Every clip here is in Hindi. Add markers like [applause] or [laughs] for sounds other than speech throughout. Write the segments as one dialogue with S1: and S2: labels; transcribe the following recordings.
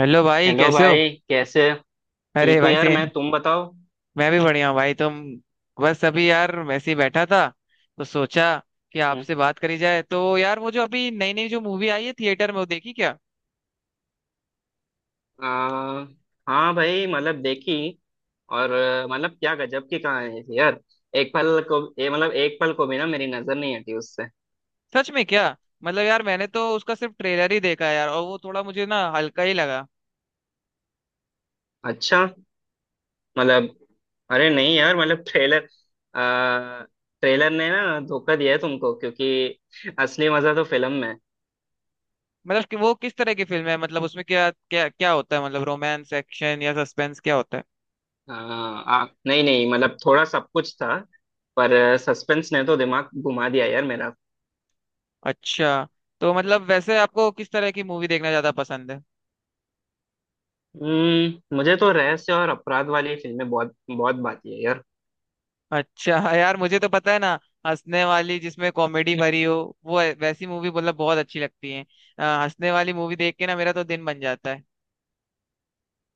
S1: हेलो भाई,
S2: हेलो
S1: कैसे हो।
S2: भाई कैसे। ठीक
S1: अरे
S2: हूँ
S1: भाई
S2: यार,
S1: से।
S2: मैं तुम बताओ।
S1: मैं भी बढ़िया हूँ भाई तुम। बस अभी यार वैसे ही बैठा था, तो सोचा कि
S2: हम्म।
S1: आपसे बात करी जाए। तो यार वो जो अभी नई नई जो मूवी आई है थिएटर में, वो देखी क्या।
S2: आ, हाँ भाई मतलब देखी। और मतलब क्या गजब की कहानी थी यार। एक पल को ये मतलब एक पल को भी ना मेरी नजर नहीं हटी उससे।
S1: सच में क्या। मतलब यार मैंने तो उसका सिर्फ ट्रेलर ही देखा है यार, और वो थोड़ा मुझे ना हल्का ही लगा।
S2: अच्छा। मतलब, अरे नहीं यार मतलब आ, ट्रेलर ने ना धोखा दिया है तुमको क्योंकि असली मजा तो फिल्म में है।
S1: मतलब कि वो किस तरह की फिल्म है, मतलब उसमें क्या क्या क्या होता है, मतलब रोमांस, एक्शन या सस्पेंस क्या होता है।
S2: आ, आ, नहीं नहीं, मतलब थोड़ा सब कुछ था पर सस्पेंस ने तो दिमाग घुमा दिया यार मेरा।
S1: अच्छा, तो मतलब वैसे आपको किस तरह की मूवी देखना ज्यादा पसंद है।
S2: मुझे तो रहस्य और अपराध वाली फिल्में बहुत बहुत भाती है यार।
S1: अच्छा हाँ यार, मुझे तो पता है ना, हंसने वाली जिसमें कॉमेडी भरी हो। वैसी मूवी मतलब बहुत अच्छी लगती है। हंसने वाली मूवी देख के ना मेरा तो दिन बन जाता है।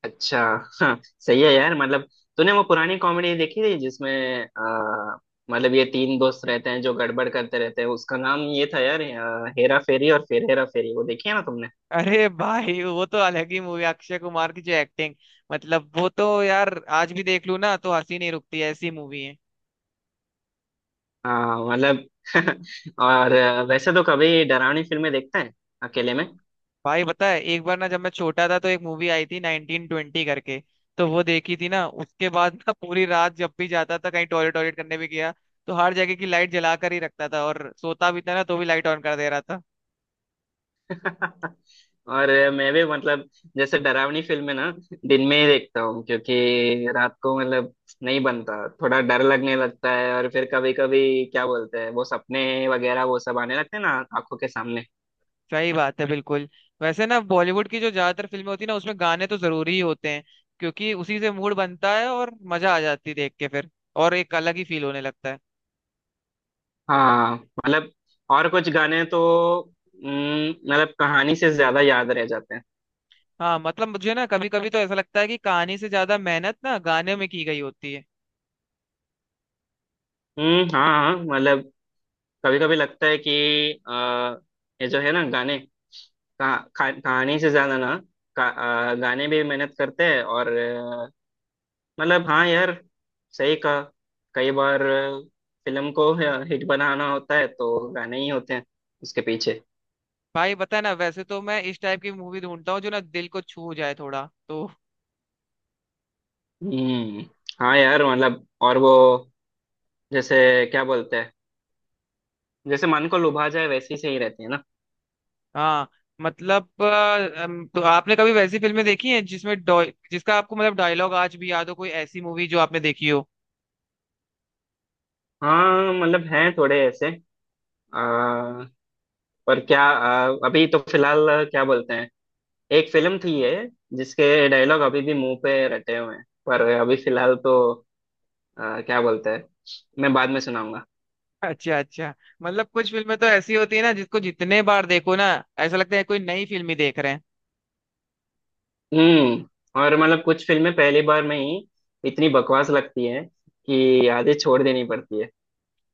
S2: अच्छा। हाँ, सही है यार मतलब, तूने वो पुरानी कॉमेडी देखी थी जिसमें आ, मतलब ये तीन दोस्त रहते हैं जो गड़बड़ करते रहते हैं। उसका नाम ये था यार, हेरा फेरी, और फिर हेरा फेरी वो देखी है ना तुमने।
S1: अरे भाई वो तो अलग ही मूवी, अक्षय कुमार की जो एक्टिंग, मतलब वो तो यार आज भी देख लूँ ना तो हंसी नहीं रुकती, ऐसी मूवी है।
S2: हाँ मतलब। [laughs] और वैसे तो कभी डरावनी फिल्में देखते हैं अकेले में?
S1: भाई पता है, एक बार ना जब मैं छोटा था तो एक मूवी आई थी 1920 करके। तो वो देखी थी ना, उसके बाद ना पूरी रात जब भी जाता था कहीं, टॉयलेट टॉयलेट करने भी गया तो हर जगह की लाइट जला कर ही रखता था, और सोता भी था ना तो भी लाइट ऑन कर दे रहा था।
S2: और मैं भी मतलब, जैसे डरावनी फिल्में ना दिन में ही देखता हूँ क्योंकि रात को मतलब नहीं बनता। थोड़ा डर लगने लगता है और फिर कभी कभी क्या बोलते हैं वो सपने वगैरह वो सब आने लगते हैं ना, आंखों के सामने।
S1: सही [laughs] बात है बिल्कुल। वैसे ना बॉलीवुड की जो ज्यादातर फिल्में होती है ना, उसमें गाने तो जरूरी ही होते हैं, क्योंकि उसी से मूड बनता है और मजा आ जाती है देख के फिर, और एक अलग ही फील होने लगता है।
S2: हाँ मतलब, और कुछ गाने तो मतलब कहानी से ज्यादा याद रह जाते हैं।
S1: हाँ मतलब, मुझे ना कभी कभी तो ऐसा लगता है कि कहानी से ज्यादा मेहनत ना गाने में की गई होती है।
S2: हम्म। हाँ हाँ, मतलब कभी कभी लगता है कि आ, ये जो है ना गाने, कहा, कहा- कहानी से ज्यादा ना का, गाने भी मेहनत करते हैं। और मतलब हाँ यार, सही कहा। कई बार फिल्म को हिट बनाना होता है तो गाने ही होते हैं उसके पीछे।
S1: भाई बता ना, वैसे तो मैं इस टाइप की मूवी ढूंढता हूँ जो ना दिल को छू जाए थोड़ा तो।
S2: हम्म। हाँ यार मतलब, और वो जैसे क्या बोलते हैं, जैसे मन को लुभा जाए वैसी सही रहती है ना।
S1: हाँ मतलब तो आपने कभी वैसी फिल्में देखी हैं जिसमें जिसका आपको मतलब डायलॉग आज भी याद हो, कोई ऐसी मूवी जो आपने देखी हो।
S2: हाँ मतलब, हैं थोड़े ऐसे आ, पर क्या, अभी तो फिलहाल क्या बोलते हैं, एक फिल्म थी ये जिसके डायलॉग अभी भी मुंह पे रटे हुए हैं पर अभी फिलहाल तो क्या बोलते हैं, मैं बाद में सुनाऊंगा।
S1: अच्छा अच्छा। मतलब कुछ फिल्में तो ऐसी होती है ना जिसको जितने बार देखो ना, ऐसा लगता है कोई नई फिल्म ही देख रहे हैं।
S2: हम्म और मतलब कुछ फिल्में पहली बार में ही इतनी बकवास लगती है कि आधे छोड़ देनी पड़ती है।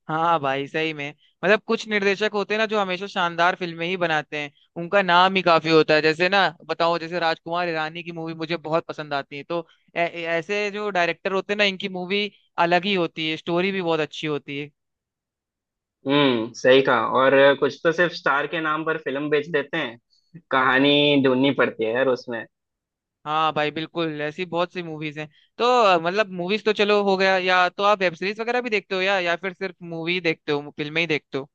S1: हाँ भाई सही में। मतलब कुछ निर्देशक होते हैं ना जो हमेशा शानदार फिल्में ही बनाते हैं। उनका नाम ही काफी होता है। जैसे ना बताओ, जैसे राजकुमार ईरानी की मूवी मुझे बहुत पसंद आती है। तो ऐसे जो डायरेक्टर होते हैं ना, इनकी मूवी अलग ही होती है, स्टोरी भी बहुत अच्छी होती है।
S2: हम्म। सही कहा। और कुछ तो सिर्फ स्टार के नाम पर फिल्म बेच देते हैं, कहानी ढूंढनी पड़ती है यार उसमें।
S1: हाँ भाई बिल्कुल, ऐसी बहुत सी मूवीज हैं। तो मतलब मूवीज तो चलो हो गया, या तो आप वेब सीरीज वगैरह भी देखते हो, या फिर सिर्फ मूवी देखते हो, फिल्में ही देखते हो।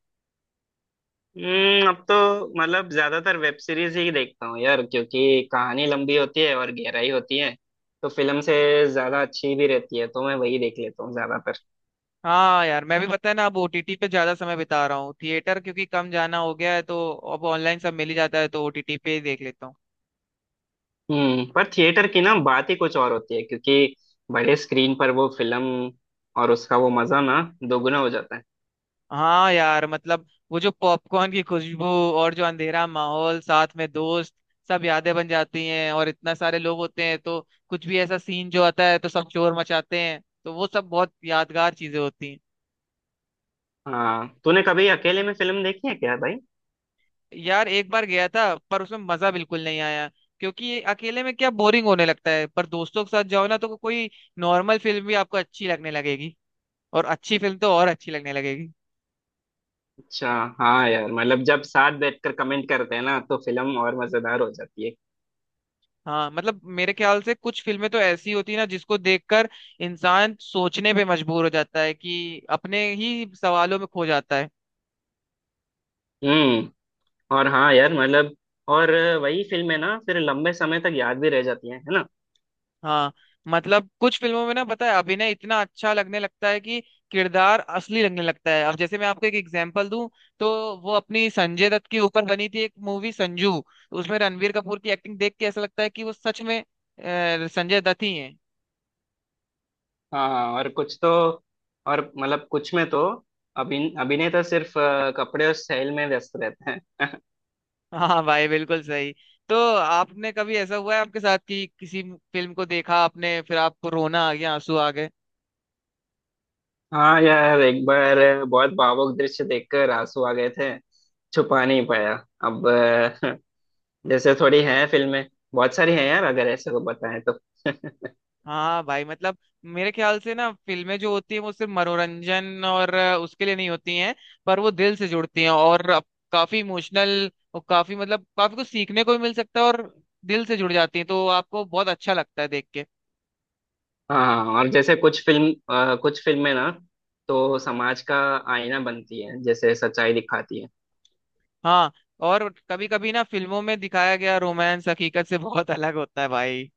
S2: अब तो मतलब ज्यादातर वेब सीरीज ही देखता हूँ यार क्योंकि कहानी लंबी होती है और गहराई होती है, तो फिल्म से ज्यादा अच्छी भी रहती है तो मैं वही देख लेता हूँ ज्यादा।
S1: हाँ यार मैं भी [laughs] पता है ना, अब ओटीटी पे ज्यादा समय बिता रहा हूँ, थिएटर क्योंकि कम जाना हो गया है, तो अब ऑनलाइन सब मिल ही जाता है तो ओटीटी पे ही देख लेता हूँ।
S2: पर थिएटर की ना बात ही कुछ और होती है क्योंकि बड़े स्क्रीन पर वो फिल्म और उसका वो मजा ना दोगुना हो जाता है।
S1: हाँ यार मतलब, वो जो पॉपकॉर्न की खुशबू, और जो अंधेरा माहौल, साथ में दोस्त, सब यादें बन जाती हैं, और इतना सारे लोग होते हैं तो कुछ भी ऐसा सीन जो आता है तो सब शोर मचाते हैं, तो वो सब बहुत यादगार चीजें होती हैं।
S2: हाँ, तूने कभी अकेले में फिल्म देखी है क्या भाई?
S1: यार एक बार गया था पर उसमें मजा बिल्कुल नहीं आया, क्योंकि ये अकेले में क्या बोरिंग होने लगता है। पर दोस्तों के साथ जाओ ना तो कोई नॉर्मल फिल्म भी आपको अच्छी लगने लगेगी, और अच्छी फिल्म तो और अच्छी लगने लगेगी।
S2: अच्छा। हाँ यार मतलब, जब साथ बैठकर कमेंट करते हैं ना तो फिल्म और मजेदार हो जाती है।
S1: हाँ मतलब मेरे ख्याल से कुछ फिल्में तो ऐसी होती है ना जिसको देखकर इंसान सोचने पे मजबूर हो जाता है, कि अपने ही सवालों में खो जाता है।
S2: हम्म। और हाँ यार मतलब, और वही फिल्में ना फिर लंबे समय तक याद भी रह जाती हैं, है ना।
S1: हाँ मतलब, कुछ फिल्मों में ना पता है अभिनय इतना अच्छा लगने लगता है कि किरदार असली लगने लगता है। अब जैसे मैं आपको एक एग्जांपल दूं, तो वो अपनी संजय दत्त के ऊपर बनी थी एक मूवी संजू, तो उसमें रणवीर कपूर की एक्टिंग देख के ऐसा लगता है कि वो सच में संजय दत्त ही है।
S2: हाँ हाँ, और कुछ तो, और मतलब कुछ में तो अभिनेता सिर्फ कपड़े और स्टाइल में व्यस्त रहते हैं।
S1: [laughs] हाँ भाई बिल्कुल सही। तो आपने कभी ऐसा हुआ है आपके साथ कि किसी फिल्म को देखा आपने, फिर आपको रोना आ गया, आंसू आ गए।
S2: हाँ यार, एक बार बहुत भावुक दृश्य देखकर आंसू आ गए थे, छुपा नहीं पाया। अब [laughs] जैसे थोड़ी हैं फिल्में, बहुत सारी हैं यार अगर ऐसे को बताएं तो। [laughs]
S1: हाँ भाई मतलब, मेरे ख्याल से ना फिल्में जो होती हैं वो सिर्फ मनोरंजन और उसके लिए नहीं होती हैं, पर वो दिल से जुड़ती हैं और काफी इमोशनल और काफी मतलब काफी कुछ सीखने को भी मिल सकता है, और दिल से जुड़ जाती हैं तो आपको बहुत अच्छा लगता है देख के।
S2: हाँ, और जैसे कुछ फिल्में ना तो समाज का आईना बनती है, जैसे सच्चाई दिखाती है।
S1: हाँ, और कभी कभी ना फिल्मों में दिखाया गया रोमांस हकीकत से [laughs] बहुत अलग होता है भाई।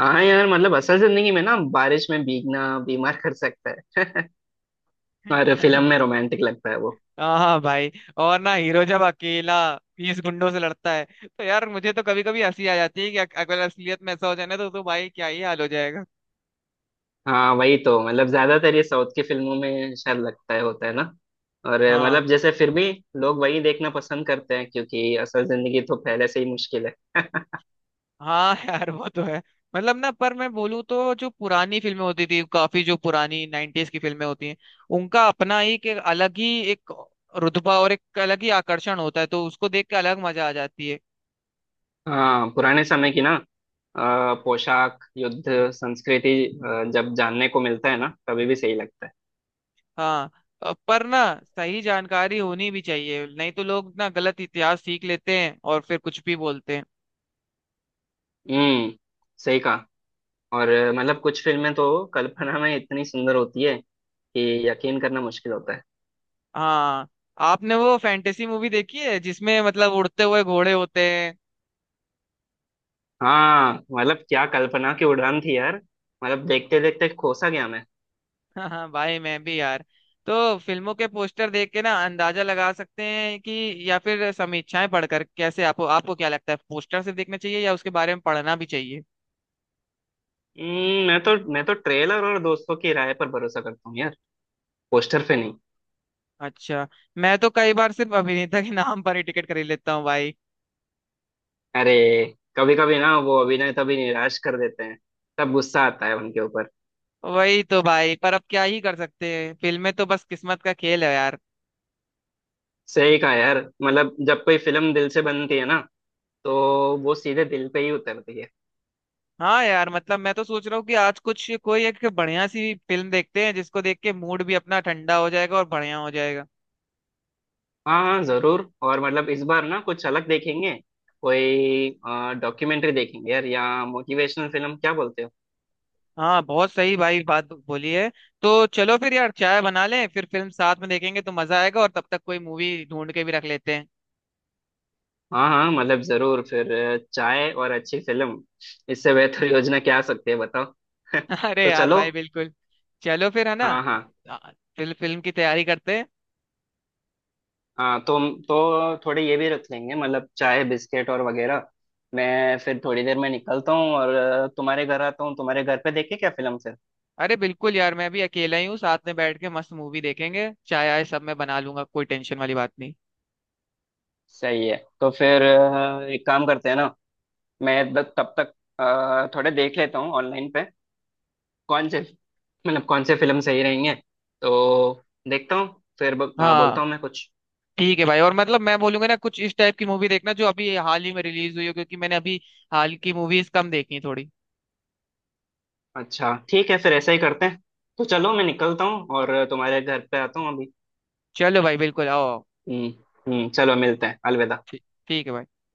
S2: हाँ यार मतलब, असल जिंदगी में ना बारिश में भीगना बीमार कर सकता है। [laughs] और फिल्म में रोमांटिक लगता है वो।
S1: हाँ हाँ भाई, और ना हीरो जब अकेला 20 गुंडों से लड़ता है, तो यार मुझे तो कभी कभी हंसी आ जाती है कि अगर असलियत में ऐसा हो जाए ना तो भाई क्या ही हाल हो जाएगा।
S2: हाँ, वही तो, मतलब ज्यादातर ये साउथ की फिल्मों में शायद लगता है होता है ना। और
S1: हाँ
S2: मतलब जैसे फिर भी लोग वही देखना पसंद करते हैं क्योंकि असल जिंदगी तो पहले से ही मुश्किल है। [laughs]
S1: हाँ [laughs] यार वो तो है। मतलब ना, पर मैं बोलूँ तो जो पुरानी फिल्में होती थी, काफी जो पुरानी 90ज़ की फिल्में होती हैं, उनका अपना ही एक अलग ही एक रुतबा और एक अलग ही आकर्षण होता है, तो उसको देख के अलग मजा आ जाती है।
S2: हाँ, पुराने समय की ना पोशाक, युद्ध, संस्कृति, जब जानने को मिलता है ना तभी भी सही लगता है।
S1: हाँ पर ना सही जानकारी होनी भी चाहिए, नहीं तो लोग ना गलत इतिहास सीख लेते हैं और फिर कुछ भी बोलते हैं।
S2: हम्म। सही कहा। और मतलब कुछ फिल्में तो कल्पना में इतनी सुंदर होती है कि यकीन करना मुश्किल होता है।
S1: हाँ, आपने वो फैंटेसी मूवी देखी है जिसमें मतलब उड़ते हुए घोड़े होते हैं।
S2: हाँ मतलब, क्या कल्पना की उड़ान थी यार, मतलब देखते देखते खो सा गया मैं।
S1: [laughs] हाँ हाँ भाई मैं भी यार। तो फिल्मों के पोस्टर देख के ना अंदाजा लगा सकते हैं कि, या फिर समीक्षाएं पढ़कर, कैसे आपको आपको क्या लगता है, पोस्टर सिर्फ देखना चाहिए या उसके बारे में पढ़ना भी चाहिए।
S2: मैं तो ट्रेलर और दोस्तों की राय पर भरोसा करता हूँ यार, पोस्टर पे नहीं।
S1: अच्छा, मैं तो कई बार सिर्फ अभिनेता के नाम पर ही टिकट खरीद लेता हूँ भाई।
S2: अरे, कभी कभी ना वो अभिनय तभी निराश कर देते हैं, तब गुस्सा आता है उनके ऊपर।
S1: वही तो भाई, पर अब क्या ही कर सकते हैं, फिल्में तो बस किस्मत का खेल है यार।
S2: सही कहा यार मतलब, जब कोई फिल्म दिल से बनती है ना तो वो सीधे दिल पे ही उतरती है।
S1: हाँ यार मतलब, मैं तो सोच रहा हूँ कि आज कुछ कोई एक बढ़िया सी फिल्म देखते हैं, जिसको देख के मूड भी अपना ठंडा हो जाएगा और बढ़िया हो जाएगा।
S2: हाँ हाँ, जरूर। और मतलब इस बार ना कुछ अलग देखेंगे, कोई डॉक्यूमेंट्री देखेंगे यार, या मोटिवेशनल फिल्म, क्या बोलते हो?
S1: हाँ बहुत सही भाई बात बोली है। तो चलो फिर यार, चाय बना लें, फिर फिल्म साथ में देखेंगे तो मजा आएगा, और तब तक कोई मूवी ढूंढ के भी रख लेते हैं।
S2: हाँ हाँ मतलब जरूर। फिर चाय और अच्छी फिल्म, इससे बेहतर योजना क्या आ सकती है बताओ? [laughs]
S1: [laughs] अरे
S2: तो
S1: यार
S2: चलो।
S1: भाई बिल्कुल। चलो फिर है ना,
S2: हाँ हाँ।
S1: फिल्म फिल्म की तैयारी करते हैं।
S2: हाँ तो थोड़े ये भी रख लेंगे, मतलब चाय, बिस्किट और वगैरह। मैं फिर थोड़ी देर में निकलता हूँ और तुम्हारे घर आता हूँ, तुम्हारे घर पे देखे क्या फिल्म फिर।
S1: अरे बिल्कुल यार, मैं भी अकेला ही हूँ, साथ में बैठ के मस्त मूवी देखेंगे, चाय आय सब मैं बना लूंगा, कोई टेंशन वाली बात नहीं।
S2: सही है। तो फिर एक काम करते हैं ना। मैं तब तक थोड़े देख लेता हूँ ऑनलाइन पे, कौन से, मतलब कौन से फिल्म सही रहेंगे, तो देखता हूँ फिर
S1: हाँ
S2: बोलता हूँ मैं कुछ।
S1: ठीक है भाई, और मतलब मैं बोलूंगा ना कुछ इस टाइप की मूवी देखना जो अभी हाल ही में रिलीज हुई हो, क्योंकि मैंने अभी हाल की मूवीज कम देखी हैं थोड़ी।
S2: अच्छा ठीक है, फिर ऐसा ही करते हैं। तो चलो, मैं निकलता हूँ और तुम्हारे घर पे आता हूँ अभी।
S1: चलो भाई बिल्कुल, आओ आओ।
S2: हम्म। हम्म, चलो मिलते हैं, अलविदा।
S1: ठीक ठीक है भाई।